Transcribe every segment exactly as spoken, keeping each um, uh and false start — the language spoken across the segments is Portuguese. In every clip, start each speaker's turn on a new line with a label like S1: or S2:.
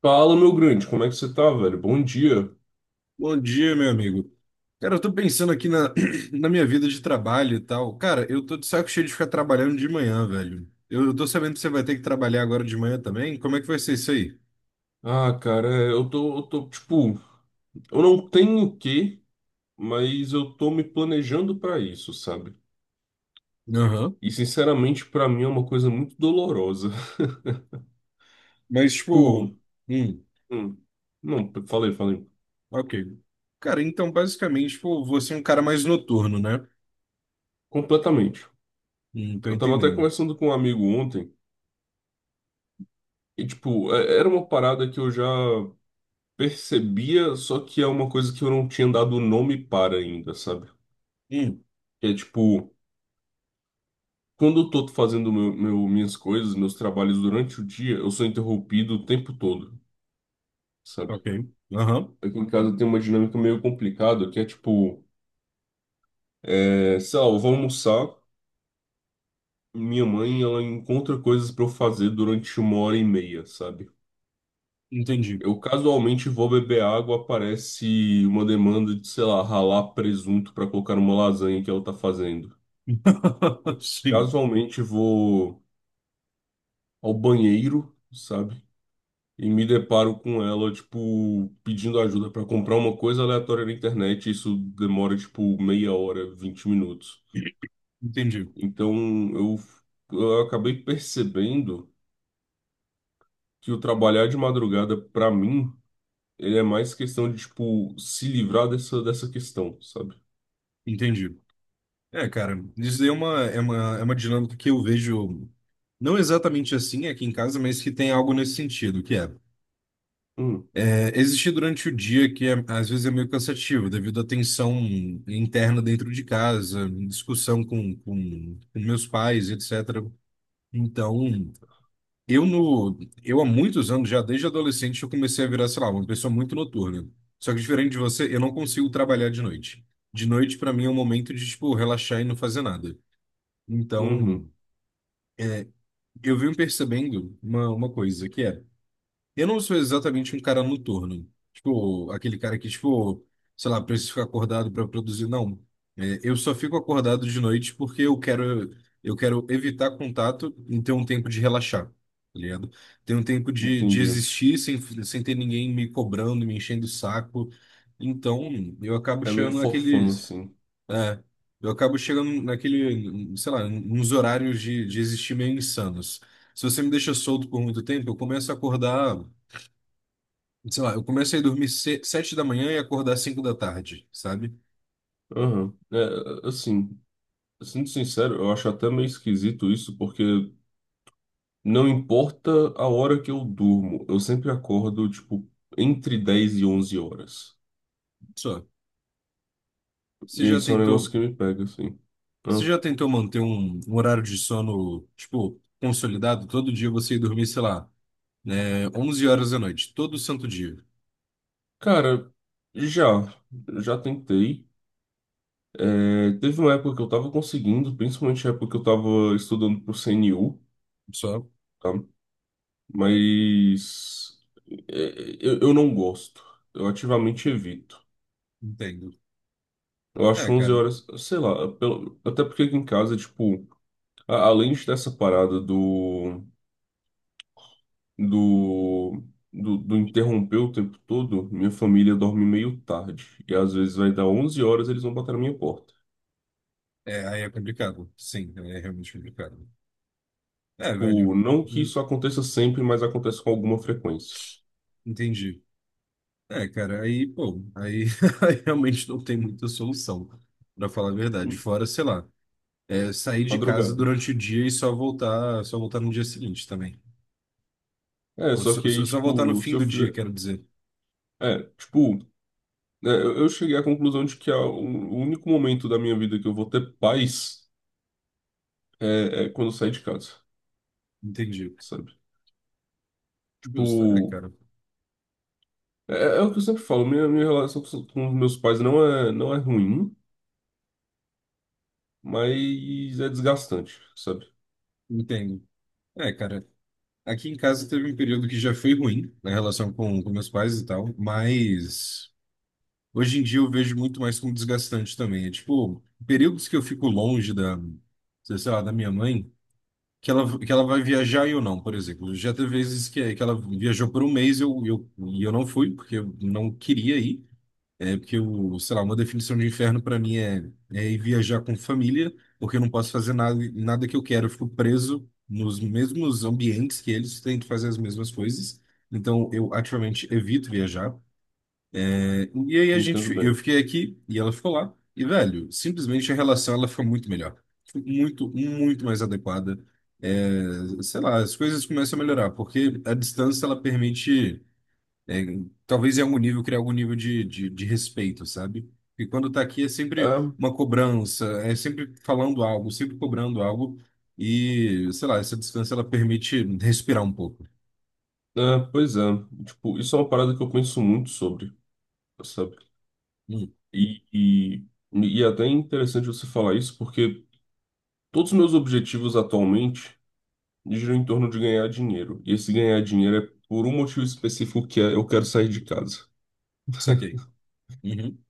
S1: Fala, meu grande, como é que você tá, velho? Bom dia.
S2: Bom dia, meu amigo. Cara, eu tô pensando aqui na, na minha vida de trabalho e tal. Cara, eu tô de saco cheio de ficar trabalhando de manhã, velho. Eu, tô sabendo que você vai ter que trabalhar agora de manhã também. Como é que vai ser isso aí?
S1: Ah, cara, é, eu tô, eu tô, tipo, eu não tenho o quê, mas eu tô me planejando pra isso, sabe?
S2: Aham.
S1: E, sinceramente, pra mim é uma coisa muito dolorosa.
S2: Mas,
S1: Tipo,
S2: tipo, hum,
S1: hum, não, falei, falei,
S2: ok. Cara, então, basicamente, tipo, você é um cara mais noturno, né?
S1: completamente.
S2: Hum, tô
S1: Eu tava até
S2: entendendo.
S1: conversando com um amigo ontem, e, tipo, é- era uma parada que eu já percebia, só que é uma coisa que eu não tinha dado nome para ainda, sabe?
S2: Hum,
S1: Que é, tipo. Quando eu tô fazendo meu, meu- minhas coisas, meus trabalhos durante o dia, eu sou interrompido o tempo todo, sabe?
S2: ok. Aham,
S1: Aqui em casa tem uma dinâmica meio complicada, que é tipo, é, sei lá, eu vou almoçar, minha mãe, ela encontra coisas pra eu fazer durante uma hora e meia, sabe?
S2: entendi.
S1: Eu casualmente vou beber água, aparece uma demanda de, sei lá, ralar presunto pra colocar numa lasanha que ela tá fazendo.
S2: Sim,
S1: Casualmente vou ao banheiro, sabe? E me deparo com ela, tipo, pedindo ajuda para comprar uma coisa aleatória na internet. Isso demora, tipo, meia hora, vinte minutos.
S2: entendi.
S1: Então, eu, eu acabei percebendo que o trabalhar de madrugada, para mim, ele é mais questão de, tipo, se livrar dessa, dessa questão, sabe?
S2: Entendi. É, cara, isso daí é uma, é uma, é uma dinâmica que eu vejo, não exatamente assim aqui em casa, mas que tem algo nesse sentido, que é,
S1: Hum.
S2: é existir durante o dia, que é- às vezes é meio cansativo, devido à tensão interna dentro de casa, discussão com, com, com meus pais, et cetera. Então, eu no, eu há muitos anos, já desde adolescente, eu comecei a virar, sei lá, uma pessoa muito noturna. Só que diferente de você, eu não consigo trabalhar de noite. De noite, para mim, é um momento de, tipo, relaxar e não fazer nada.
S1: Uhum.
S2: Então. Eu vim percebendo uma, uma coisa, que é, eu não sou exatamente um cara noturno. Tipo, aquele cara que, tipo, sei lá, precisa ficar acordado para produzir. Não. É, eu só fico acordado de noite porque eu quero, eu quero evitar contato e ter um tempo de relaxar, tá ligado? Ter um tempo de, de
S1: Entendi.
S2: existir sem, sem ter ninguém me cobrando, me enchendo o saco. Então, eu acabo
S1: É meio
S2: chegando
S1: forfã,
S2: naqueles.
S1: assim.
S2: É, eu acabo chegando naquele, sei lá, nos horários de, de existir meio insanos. Se você me deixa solto por muito tempo, eu começo a acordar, sei lá, eu começo a ir dormir se- sete da manhã e acordar cinco da tarde, sabe?
S1: Aham. É, assim, sendo sincero, eu acho até meio esquisito isso, porque não importa a hora que eu durmo, eu sempre acordo, tipo, entre dez e onze horas.
S2: Só. Você
S1: E
S2: já
S1: isso é um negócio que
S2: tentou,
S1: me pega, assim.
S2: Você
S1: Ah,
S2: já tentou manter um, um horário de sono, tipo, consolidado? Todo dia você ir dormir, sei lá, né, onze horas da noite, todo santo dia.
S1: cara, já, já tentei. É, teve uma época que eu tava conseguindo, principalmente a época que eu tava estudando pro C N U,
S2: Só,
S1: tá? Mas é, eu, eu não gosto. Eu ativamente evito.
S2: entendo.
S1: Eu acho
S2: É,
S1: onze
S2: cara,
S1: horas, sei lá, pelo- até porque aqui em casa, tipo, a- além dessa parada do do, do, do interromper o tempo todo, minha família dorme meio tarde. E às vezes vai dar onze horas eles vão bater na minha porta.
S2: é, aí é complicado. Sim, é realmente complicado. É, velho.
S1: Tipo, não que isso aconteça sempre, mas acontece com alguma frequência.
S2: Entendi. É, cara, aí, pô, aí, aí realmente não tem muita solução, pra falar a verdade.
S1: Hum.
S2: Fora, sei lá, é, sair de casa
S1: Madrugada.
S2: durante o dia e só voltar, só voltar no dia seguinte também.
S1: É,
S2: Pô,
S1: só
S2: só,
S1: que
S2: só
S1: aí,
S2: só voltar no
S1: tipo, se
S2: fim
S1: eu
S2: do dia,
S1: fizer.
S2: quero dizer.
S1: É, tipo, é, eu eu cheguei à conclusão de que a- o o único momento da minha vida que eu vou ter paz é, é quando eu sair de casa,
S2: Entendi.
S1: sabe?
S2: Justo, é,
S1: Tipo.
S2: cara.
S1: É, é o que eu sempre falo, minha, minha relação com com os meus pais não é, não é ruim, mas é desgastante, sabe?
S2: Entendo. É, cara, aqui em casa teve um período que já foi ruim na relação com, com meus pais e tal, mas hoje em dia eu vejo muito mais como desgastante também. É tipo, períodos que eu fico longe da, sei lá, da minha mãe. Que ela, que ela vai viajar e eu não, por exemplo. Já teve vezes que, que ela viajou por um mês e eu, eu, e eu não fui, porque eu não queria ir. É porque, o sei lá, uma definição de inferno para mim é, é ir viajar com família, porque eu não posso fazer nada, nada que eu quero. Eu fico preso nos mesmos ambientes que eles, tento fazer as mesmas coisas. Então, eu ativamente evito viajar. E aí a
S1: Entendo
S2: gente, eu
S1: bem.
S2: fiquei aqui e ela ficou lá. E, velho, simplesmente a relação ela ficou muito melhor. Ficou muito, muito mais adequada. É, sei lá, as coisas começam a melhorar, porque a distância ela permite, é, talvez em algum nível, criar algum nível de, de, de respeito, sabe? E quando tá aqui é sempre
S1: Ah,
S2: uma cobrança, é sempre falando algo, sempre cobrando algo. E, sei lá, essa distância ela permite respirar um pouco.
S1: ah, pois é, tipo, isso é uma parada que eu penso muito sobre, sabe?
S2: Hum,
S1: E, e, e é até interessante você falar isso, porque todos os meus objetivos atualmente giram em torno de ganhar dinheiro. E esse ganhar dinheiro é por um motivo específico que é eu quero sair de casa.
S2: saquei. Uhum,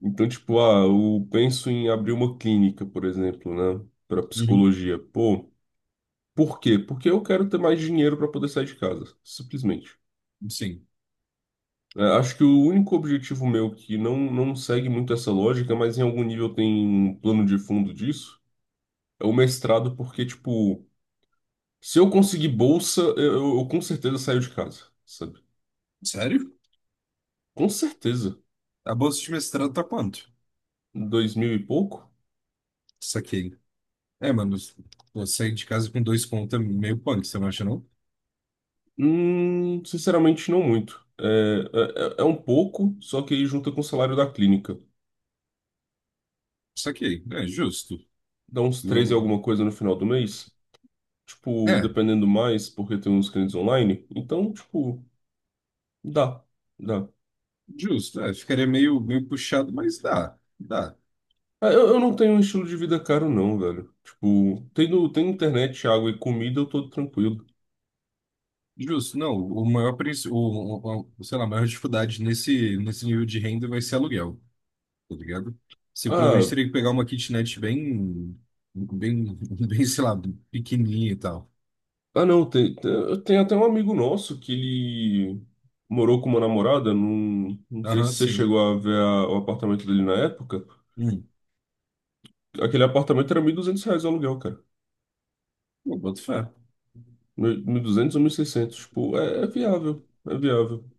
S1: Então, tipo, ah, eu penso em abrir uma clínica, por exemplo, né, para
S2: uhum,
S1: psicologia. Pô, por quê? Porque eu quero ter mais dinheiro para poder sair de casa, simplesmente.
S2: sim.
S1: É, acho que o único objetivo meu que não, não segue muito essa lógica, mas em algum nível tem um plano de fundo disso, é o mestrado, porque, tipo, se eu conseguir bolsa, eu, eu- eu com certeza saio de casa, sabe?
S2: Sério?
S1: Com certeza.
S2: A bolsa de mestrado tá quanto?
S1: Dois mil e pouco?
S2: Saquei. É, mano, eu saí de casa com dois contos é meio punk, você não acha, não?
S1: Hum, sinceramente, não muito. É, é, é é um pouco, só que aí junta com o salário da clínica.
S2: Saquei. É, justo.
S1: Dá uns treze e
S2: Eu-
S1: alguma coisa no final do mês. Tipo,
S2: É,
S1: dependendo mais, porque tem uns clientes online. Então, tipo, dá. Dá.
S2: justo. É, ficaria meio, meio puxado, mas dá. Dá.
S1: Ah, Eu, eu não tenho um estilo de vida caro, não, velho. Tipo, tendo, tendo internet, água e comida, eu tô tranquilo.
S2: Justo. Não, o maior, princ- o, o, o- sei lá, a maior dificuldade nesse, nesse nível de renda vai ser aluguel, tá ligado? Você provavelmente
S1: Ah,
S2: teria que pegar uma kitnet bem, bem, bem, sei lá, pequenininha e tal.
S1: ah não, tem, tem- eu tenho até um amigo nosso que ele morou com uma namorada. Não, não sei
S2: Aham,
S1: se você
S2: sim.
S1: chegou a ver a- o apartamento dele na época.
S2: Hum.
S1: Aquele apartamento era mil e duzentos reais o aluguel, cara.
S2: Eu boto fé.
S1: mil e duzentos ou mil e seiscentos. Tipo, é, é viável, é viável.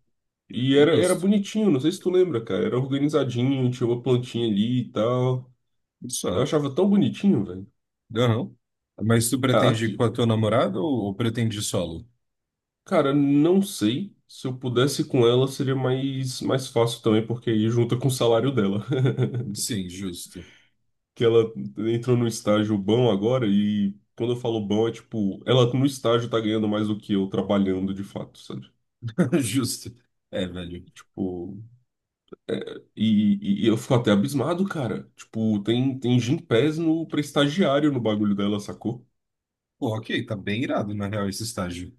S1: E era, era
S2: Justo.
S1: bonitinho, não sei se tu lembra, cara. Era organizadinho, tinha uma plantinha ali e tal. Eu
S2: Isso.
S1: achava tão bonitinho, velho.
S2: Aham. Mas tu
S1: A-
S2: pretende com a
S1: Aqui,
S2: tua namorada ou, ou pretende solo?
S1: Cara, não sei. Se eu pudesse ir com ela, seria mais, mais fácil também, porque aí junta com o salário dela.
S2: Sim, justo.
S1: Que ela entrou num estágio bom agora, e quando eu falo bom, é tipo, ela no estágio tá ganhando mais do que eu trabalhando de fato, sabe?
S2: Justo. É, velho.
S1: Tipo, e, e- e eu fico até abismado, cara. Tipo, tem, tem Gympass no, pra estagiário no bagulho dela, sacou?
S2: Pô, ok, tá bem irado, na real, esse estágio.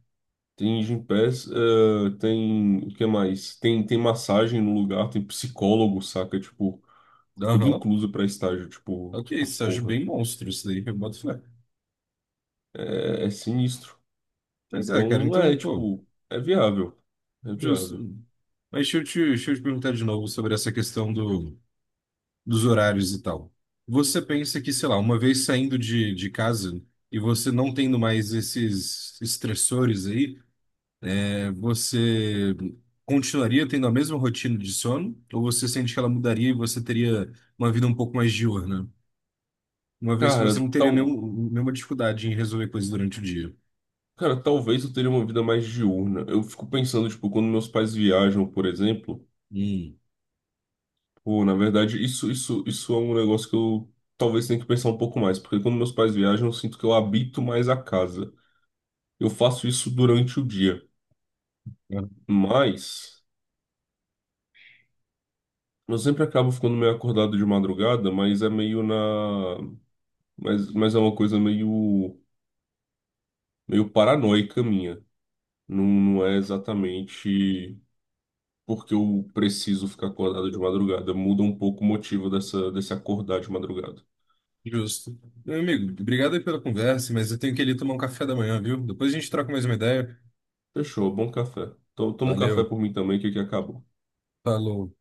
S1: Tem Gympass, eh, tem. O que mais? Tem, tem massagem no lugar, tem psicólogo, saca? Tipo. Tudo
S2: Aham.
S1: incluso pra estágio, tipo,
S2: Ok,
S1: tá
S2: estágio
S1: porra.
S2: bem monstro isso daí, eu boto fé.
S1: É, é sinistro.
S2: Mas é, cara,
S1: Então, é,
S2: então, pô,
S1: tipo, é viável. É
S2: justo.
S1: viável.
S2: Mas deixa eu te, deixa eu te perguntar de novo sobre essa questão do, dos horários e tal. Você pensa que, sei lá, uma vez saindo de, de casa e você não tendo mais esses estressores aí, Você continuaria tendo a mesma rotina de sono? Ou você sente que ela mudaria e você teria uma vida um pouco mais diurna? Uma vez que você
S1: Cara,
S2: não teria
S1: tal,
S2: nenhum- nenhuma dificuldade em resolver coisas durante o dia.
S1: cara, talvez eu teria uma vida mais diurna. Eu fico pensando, tipo, quando meus pais viajam, por exemplo,
S2: Hum,
S1: pô, na verdade, isso, isso, isso é um negócio que eu talvez tenha que pensar um pouco mais, porque quando meus pais viajam, eu sinto que eu habito mais a casa. Eu faço isso durante o dia,
S2: é,
S1: mas eu sempre acabo ficando meio acordado de madrugada, mas é meio na Mas, mas é uma coisa meio, meio paranoica minha. Não, não é exatamente porque eu preciso ficar acordado de madrugada. Muda um pouco o motivo dessa, desse acordar de madrugada.
S2: justo. Meu amigo, obrigado aí pela conversa, mas eu tenho que ir ali tomar um café da manhã, viu? Depois a gente troca mais uma ideia.
S1: Fechou, bom café. Então, toma um café
S2: Valeu,
S1: por mim também, que aqui acabou.
S2: falou.